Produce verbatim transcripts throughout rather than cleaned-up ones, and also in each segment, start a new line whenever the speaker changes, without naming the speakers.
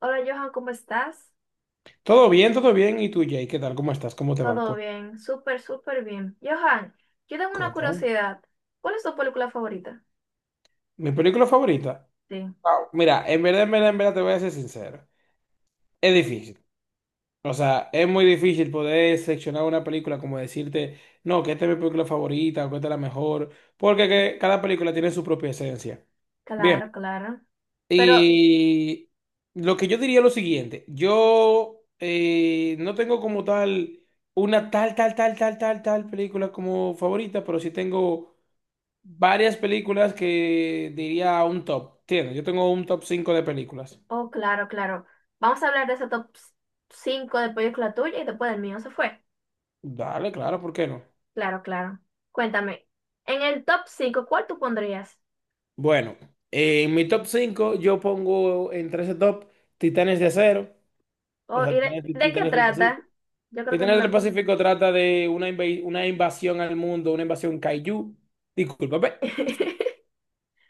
Hola Johan, ¿cómo estás?
Todo bien, todo bien. ¿Y tú, Jay? ¿Qué tal? ¿Cómo estás? ¿Cómo te va?
Todo
Cu-
bien, súper, súper bien. Johan, yo tengo una
Cuéntame.
curiosidad. ¿Cuál es tu película favorita?
¿Mi película favorita?
Sí,
Wow. Mira, en verdad, en verdad, en verdad, te voy a ser sincero. Es difícil. O sea, es muy difícil poder seleccionar una película como decirte, no, que esta es mi película favorita o que esta es la mejor, porque que cada película tiene su propia esencia. Bien,
claro, claro. Pero,
y lo que yo diría es lo siguiente, yo eh, no tengo como tal una tal, tal, tal, tal, tal, tal película como favorita, pero sí tengo varias películas que diría un top. Tiene, yo tengo un top cinco de películas.
oh, claro, claro. Vamos a hablar de ese top cinco, de película tuya y después del mío se fue.
Dale, claro, ¿por qué no?
Claro, claro. Cuéntame, en el top cinco, ¿cuál tú pondrías?
Bueno, eh, en mi top cinco yo pongo entre ese top Titanes de Acero, o
Oh, ¿y
sea,
de,
Titanes,
de qué
Titanes del Pacífico.
trata? Yo creo que no
Titanes del
lo...
Pacífico trata de una, inve- una invasión al mundo, una invasión kaiju. Disculpa,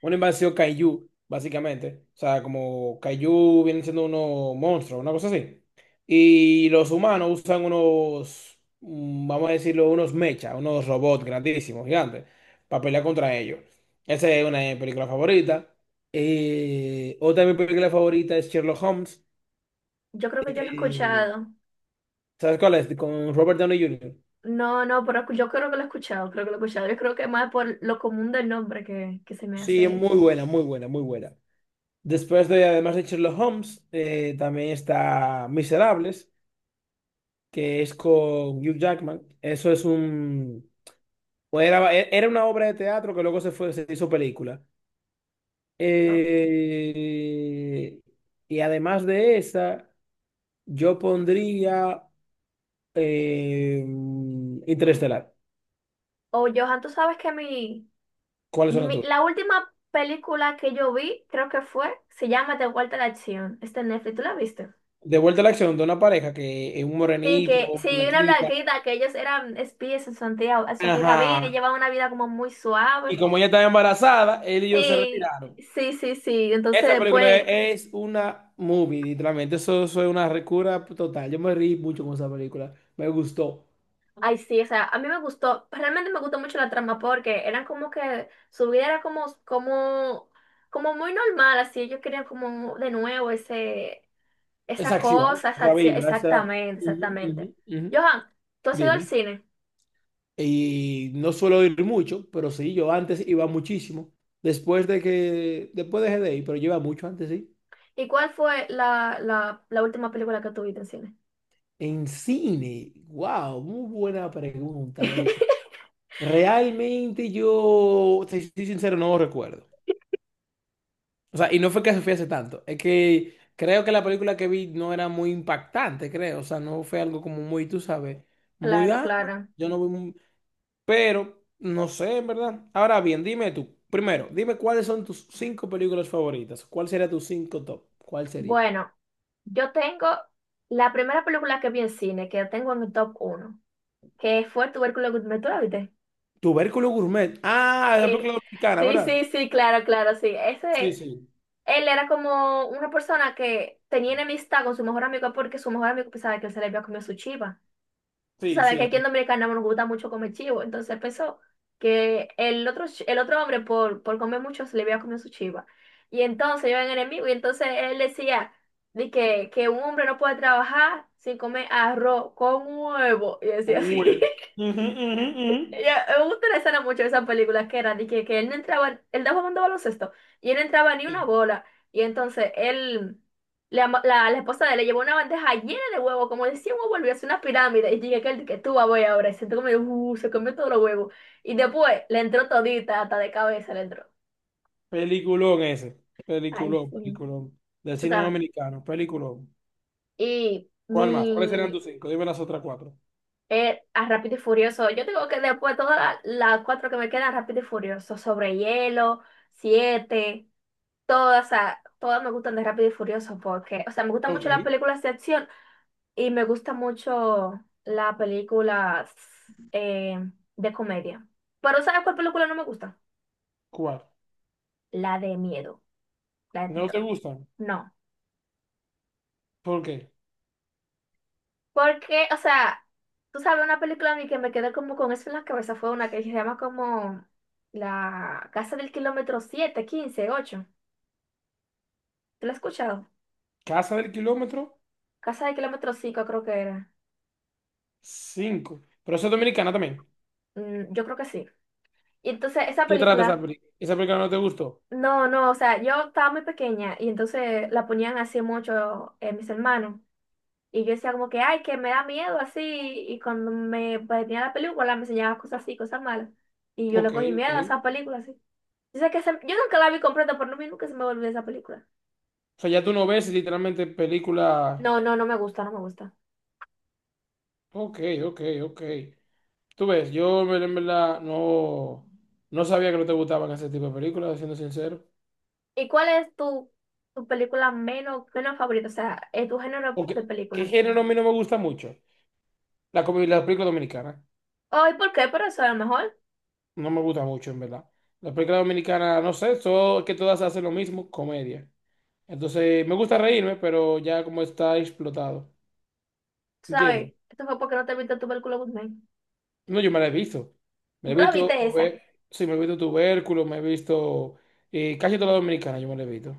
una invasión kaiju, básicamente. O sea, como kaiju vienen siendo unos monstruos, una cosa así. Y los humanos usan unos, mm, vamos a decirlo, unos mechas, unos robots grandísimos, gigantes, para pelear contra ellos. Esa es una de mis películas favoritas. Eh, otra de mis películas favoritas es Sherlock Holmes.
Yo creo que yo lo he
Eh,
escuchado.
¿sabes cuál es? Con Robert Downey junior
No, no, pero yo creo que lo he escuchado, creo que lo he escuchado. Yo creo que más por lo común del nombre que, que se me
Sí, es
hace.
muy buena, muy buena, muy buena. Después de, además de Sherlock Holmes, eh, también está Miserables, que es con Hugh Jackman. Eso es un... bueno, Era, era una obra de teatro que luego se fue, se hizo película.
O
Eh, y además de esa, yo pondría eh, Interestelar.
oh, Johan, tú sabes que mi,
¿Cuáles son las
mi-
tuyas?
la última película que yo vi, creo que fue, se llama De vuelta a la acción. Está en Netflix, ¿tú la viste?
De vuelta a la acción de una pareja que es un
Sí,
morenito,
que
una
sí, una
blanquita.
blanquita, que ellos eran espías en su antigua, en su antigua vida y
Ajá.
llevaban una vida como muy
Y
suave.
como ella estaba embarazada, él y yo se
Sí,
retiraron.
sí, sí, sí. Entonces
Esa película
después,
es es una movie, literalmente. Eso, eso es una recura total. Yo me reí mucho con esa película. Me gustó.
ay, sí, o sea, a mí me gustó, realmente me gustó mucho la trama porque eran como que su vida era como, como, como muy normal, así ellos querían como de nuevo ese,
Esa
esa
acción,
cosa, esa
esa
acción,
vibra, esa...
exactamente,
Ujú,
exactamente.
ujú, ujú.
Johan, tú has ido al
Dime.
cine,
Y no suelo ir mucho, pero sí, yo antes iba muchísimo. Después de que... Después dejé de ir, pero yo iba mucho antes, sí.
¿y cuál fue la, la, la última película que tuviste en cine?
En cine. Wow, muy buena pregunta esa. Realmente yo, si soy sincero, no recuerdo. O sea, y no fue que se hace tanto. Es que creo que la película que vi no era muy impactante, creo. O sea, no fue algo como muy, tú sabes, muy,
Claro,
ah,
claro.
yo no vi muy- Pero no sé, en verdad. Ahora bien, dime tú. Primero, dime cuáles son tus cinco películas favoritas. ¿Cuál sería tus cinco top? ¿Cuál sería?
Bueno, yo tengo la primera película que vi en cine, que tengo en mi top uno que fue Tubérculo Gourmet, ¿tú la viste?
Tubérculo Gourmet. Ah, la
Sí,
película dominicana,
sí,
¿verdad?
sí, sí, claro, claro, sí.
Sí,
Ese,
sí.
él era como una persona que tenía enemistad con su mejor amigo porque su mejor amigo pensaba que él se le había comido su chiva. Tú
Sí,
sabes que
sí,
aquí en
sí.
Dominicana nos gusta mucho comer chivo, entonces pensó que el otro, ch- el otro hombre por, por comer mucho se le había comido su chiva. Y entonces yo era enemigo y entonces él decía de que, que un hombre no puede trabajar sin comer arroz con huevo. Y
Con
decía así.
V. Ujú, ujú, ujú.
Ya me gusta la escena mucho de esas películas que era de que, que él no entraba, él estaba jugando baloncesto y él no entraba ni una
Sí.
bola. Y entonces él, le ama- la, la esposa de él le llevó una bandeja llena de huevos, como decía, huevo, volvió a hacer una pirámide. Y dije que él, que tú vas voy ahora. Y siento como, uh, se comió todos los huevos. Y después le entró todita, hasta de cabeza le entró.
Peliculón ese.
Ay,
Peliculón,
sí.
peliculón. Del
Tú
cine
sabes.
dominicano. Peliculón.
Y
¿Cuál más? ¿Cuáles serían
mi,
tus cinco? Dime las otras cuatro.
eh, a Rápido y Furioso, yo tengo que después todas la- las cuatro que me quedan, Rápido y Furioso, sobre hielo, siete. Todas, o sea, todas me gustan de Rápido y Furioso porque, o sea, me gustan
Ok,
mucho las películas de acción y me gusta mucho las películas eh, de comedia. Pero ¿sabes cuál película no me gusta?
¿cuál?
La de miedo, la de
¿No te
terror.
gustan?
No.
¿Por qué?
Porque, o sea, tú sabes, una película a mí que me quedé como con eso en la cabeza fue una que se llama como La Casa del Kilómetro siete, quince, ocho. ¿Te la has escuchado?
Casa del Kilómetro,
Casa del Kilómetro cinco creo que era.
cinco. Pero eso es dominicana también.
Mm, yo creo que sí. Y entonces esa
¿Qué trata esa
película...
película? ¿Esa película no te gustó?
No, no, o sea, yo estaba muy pequeña y entonces la ponían así mucho eh, mis hermanos. Y yo decía como que, ay, que me da miedo así. Y cuando me ponía la película me enseñaba cosas así, cosas malas. Y yo le
Ok,
cogí
ok.
miedo a esa película así. Yo sé que se- yo nunca la vi completa, pero no, vi nunca se me olvidó esa película.
O sea, ya tú no ves literalmente película...
No, no, no me gusta, no me gusta.
Ok, ok, ok. Tú ves, yo en verdad en verdad, no, no sabía que no te gustaban ese tipo de películas, siendo sincero.
¿Y cuál es tu, tu película menos, menos favorita? O sea, eh, tu género
Ok,
de
¿qué
película.
género a mí no me gusta mucho? La, comi- la película dominicana.
Oh, ¿y por qué? Pero eso a lo mejor,
No me gusta mucho, en verdad. Las películas dominicanas, no sé, so- que todas hacen lo mismo, comedia. Entonces, me gusta reírme, pero ya como está explotado.
tú
¿Entiendes?
¿sabes? Esto fue porque no te viste tu película Guzmán.
No, yo me la he visto.
¿Tú
Me he
la
visto,
viste esa?
tuve- sí, me he visto Tubérculo, me he visto eh, casi toda la dominicana yo me la he visto.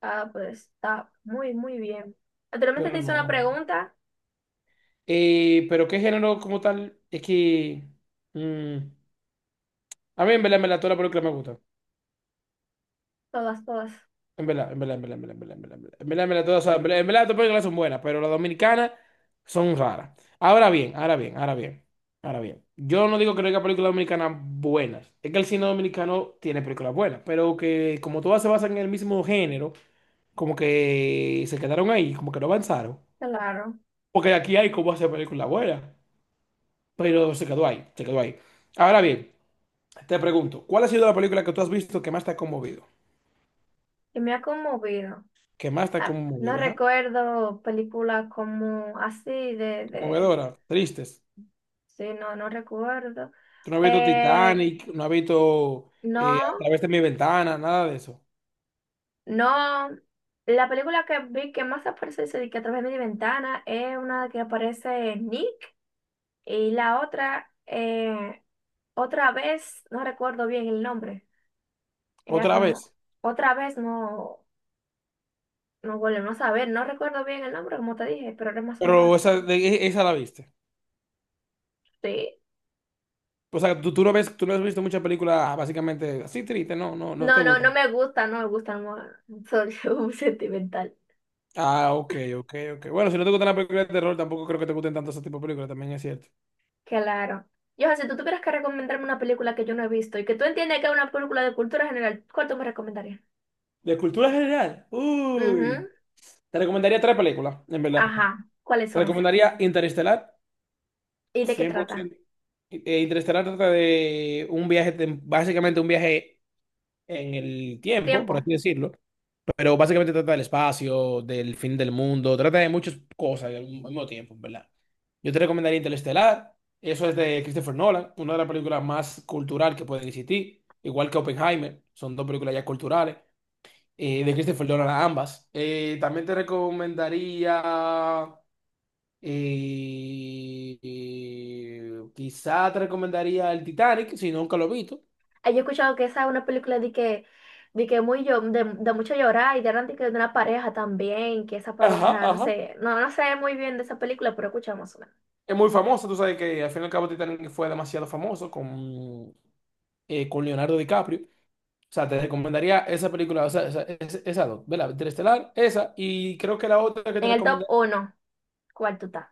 Ah, pues está muy, muy bien. Anteriormente te
Pero
hice una
no.
pregunta,
Eh, pero qué género como tal, es que... mm, a mí en verdad me la toda la película me gusta.
todas, todas,
En verdad, en verdad, en verdad, en verdad, en verdad, en verdad, en verdad, en verdad, en verdad, todas, son- en verdad, en verdad, todas las películas son buenas, pero las dominicanas son raras. Ahora bien, ahora bien, ahora bien, ahora bien. Yo no digo que no haya películas dominicanas buenas. Es que el cine dominicano tiene películas buenas, pero que como todas se basan en el mismo género, como que se quedaron ahí, como que no avanzaron.
claro,
Porque aquí hay cómo hacer películas buenas, pero se quedó ahí, se quedó ahí. Ahora bien, te pregunto, ¿cuál ha sido la película que tú has visto que más te ha conmovido?
que me ha conmovido.
¿Que más te ha
Ah, no
conmovido, ajá?
recuerdo películas como así de, de,
Conmovedora, tristes.
sí, no, no recuerdo.
Tú no has visto
Eh,
Titanic, no has visto eh, A
no,
través de mi ventana, nada de eso.
no, la película que vi que más aparece dice de que a través de mi ventana es una que aparece Nick y la otra, eh, otra vez, no recuerdo bien el nombre, era
Otra vez.
como... Otra vez no, no volvemos a ver, no recuerdo bien el nombre, como te dije, pero era más o
Pero
menos así.
esa, de- e- esa la viste.
Sí.
O sea, tú, tú no ves, tú no has visto muchas películas básicamente así tristes, no, no, no te
No, no, no
gustan.
me gusta, no me gusta, no, soy un sentimental.
Ah, ok, ok, ok. Bueno, si no te gustan las películas de terror, tampoco creo que te gusten tanto ese tipo de películas, también es cierto.
Claro. Yo, si tú tuvieras que recomendarme una película que yo no he visto y que tú entiendes que es una película de cultura general, ¿cuál tú me recomendarías?
De cultura general, uy.
Ujú.
Te recomendaría tres películas, en verdad.
Ajá. ¿Cuáles
Te
son esas?
recomendaría Interestelar,
¿Y de qué trata?
cien por ciento. Eh, Interestelar trata de un viaje, tem- básicamente un viaje en el tiempo, por
Tiempo.
así decirlo, pero básicamente trata del espacio, del fin del mundo, trata de muchas cosas al mismo tiempo, ¿en verdad? Yo te recomendaría Interestelar, eso es de Christopher Nolan, una de las películas más cultural que pueden existir, igual que Oppenheimer, son dos películas ya culturales, eh, de Christopher Nolan ambas. Eh, también te recomendaría, eh, eh, quizá te recomendaría el Titanic, si nunca lo he visto.
Ah, yo he escuchado que esa es una película de que, de que muy llo- de, de mucho llorar y de, de que de una pareja también, que esa
Ajá,
pareja, no
ajá.
sé, no, no sé muy bien de esa película, pero escuchamos una.
Es muy famosa, tú sabes que al fin y al cabo Titanic fue demasiado famoso con, eh, con Leonardo DiCaprio. O sea, te recomendaría esa película, o sea, esa, esa, esa dos, ¿verdad? Interestelar, esa, y creo que la otra que te
En el top
recomendaría,
uno. ¿Cuál tú estás?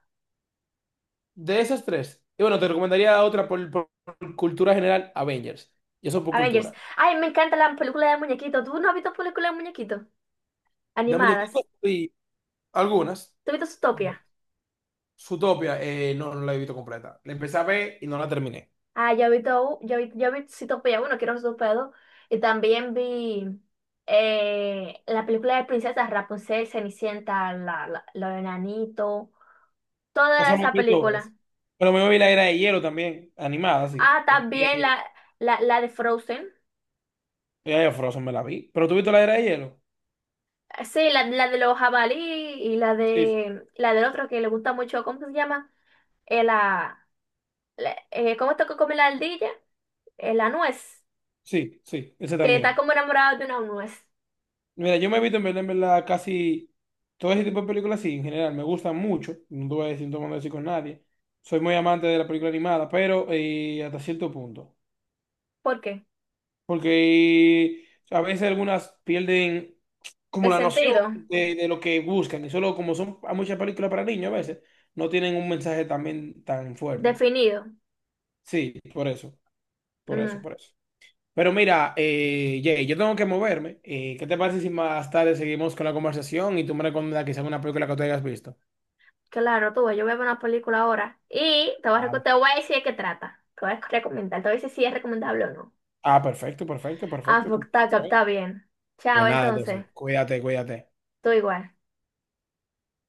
de esas tres, y bueno, te recomendaría otra por, por cultura general, Avengers, y eso por
Avengers.
cultura.
Ay, me encanta la película de muñequitos. ¿Tú no has visto películas de muñequitos?
De
Animadas.
muñequitos, y algunas,
¿Tú has visto
algunas.
Zootopia?
Zootopia, eh, no, no la he visto completa. La empecé a ver y no la terminé.
Ah, yo he visto, yo he, visto, yo he visto Zootopia uno, quiero Zootopia dos. Y también vi eh, la película de princesas, Rapunzel, Cenicienta, la, la, los enanitos. Toda
Esa me
esa
vi todas.
película.
Pero me vi la era de hielo también, animada, sí.
Ah,
Era de
también
hielo.
la, la, la de Frozen.
Ya, ya, Frozen me la vi. ¿Pero tú viste la era de hielo?
Sí, la, la de los jabalí y la
Sí,
de la del otro que le gusta mucho, ¿cómo se llama? Eh, la, la- eh, ¿cómo esto que come la ardilla? Eh, la nuez,
sí, sí, ese
que está
también.
como enamorado de una nuez.
Mira, yo me he visto en verdad, en verdad, casi todo ese tipo de películas, sí, en general, me gustan mucho. No te voy a decir, no te voy a decir con nadie. Soy muy amante de la película animada, pero eh, hasta cierto punto.
¿Por qué?
Porque eh, a veces algunas pierden como
El
la noción
sentido,
de, de lo que buscan. Y solo como son muchas películas para niños a veces, no tienen un mensaje también tan fuerte.
definido.
Sí, por eso, por eso,
Mm,
por eso. Pero mira, eh, Jay, yo tengo que moverme. Eh, ¿qué te parece si más tarde seguimos con la conversación y tú me recomiendas quizá una película que tú hayas visto?
claro, tú, ves, yo voy a ver una película ahora y te voy a, reco-
Claro.
te voy a decir de qué trata. Te voy a recomendar, te voy a decir si es recomendable o no.
Ah, perfecto, perfecto,
Ah,
perfecto.
pues,
tú-
está, está bien. Chao,
Pues nada,
entonces,
entonces, cuídate, cuídate.
tú igual.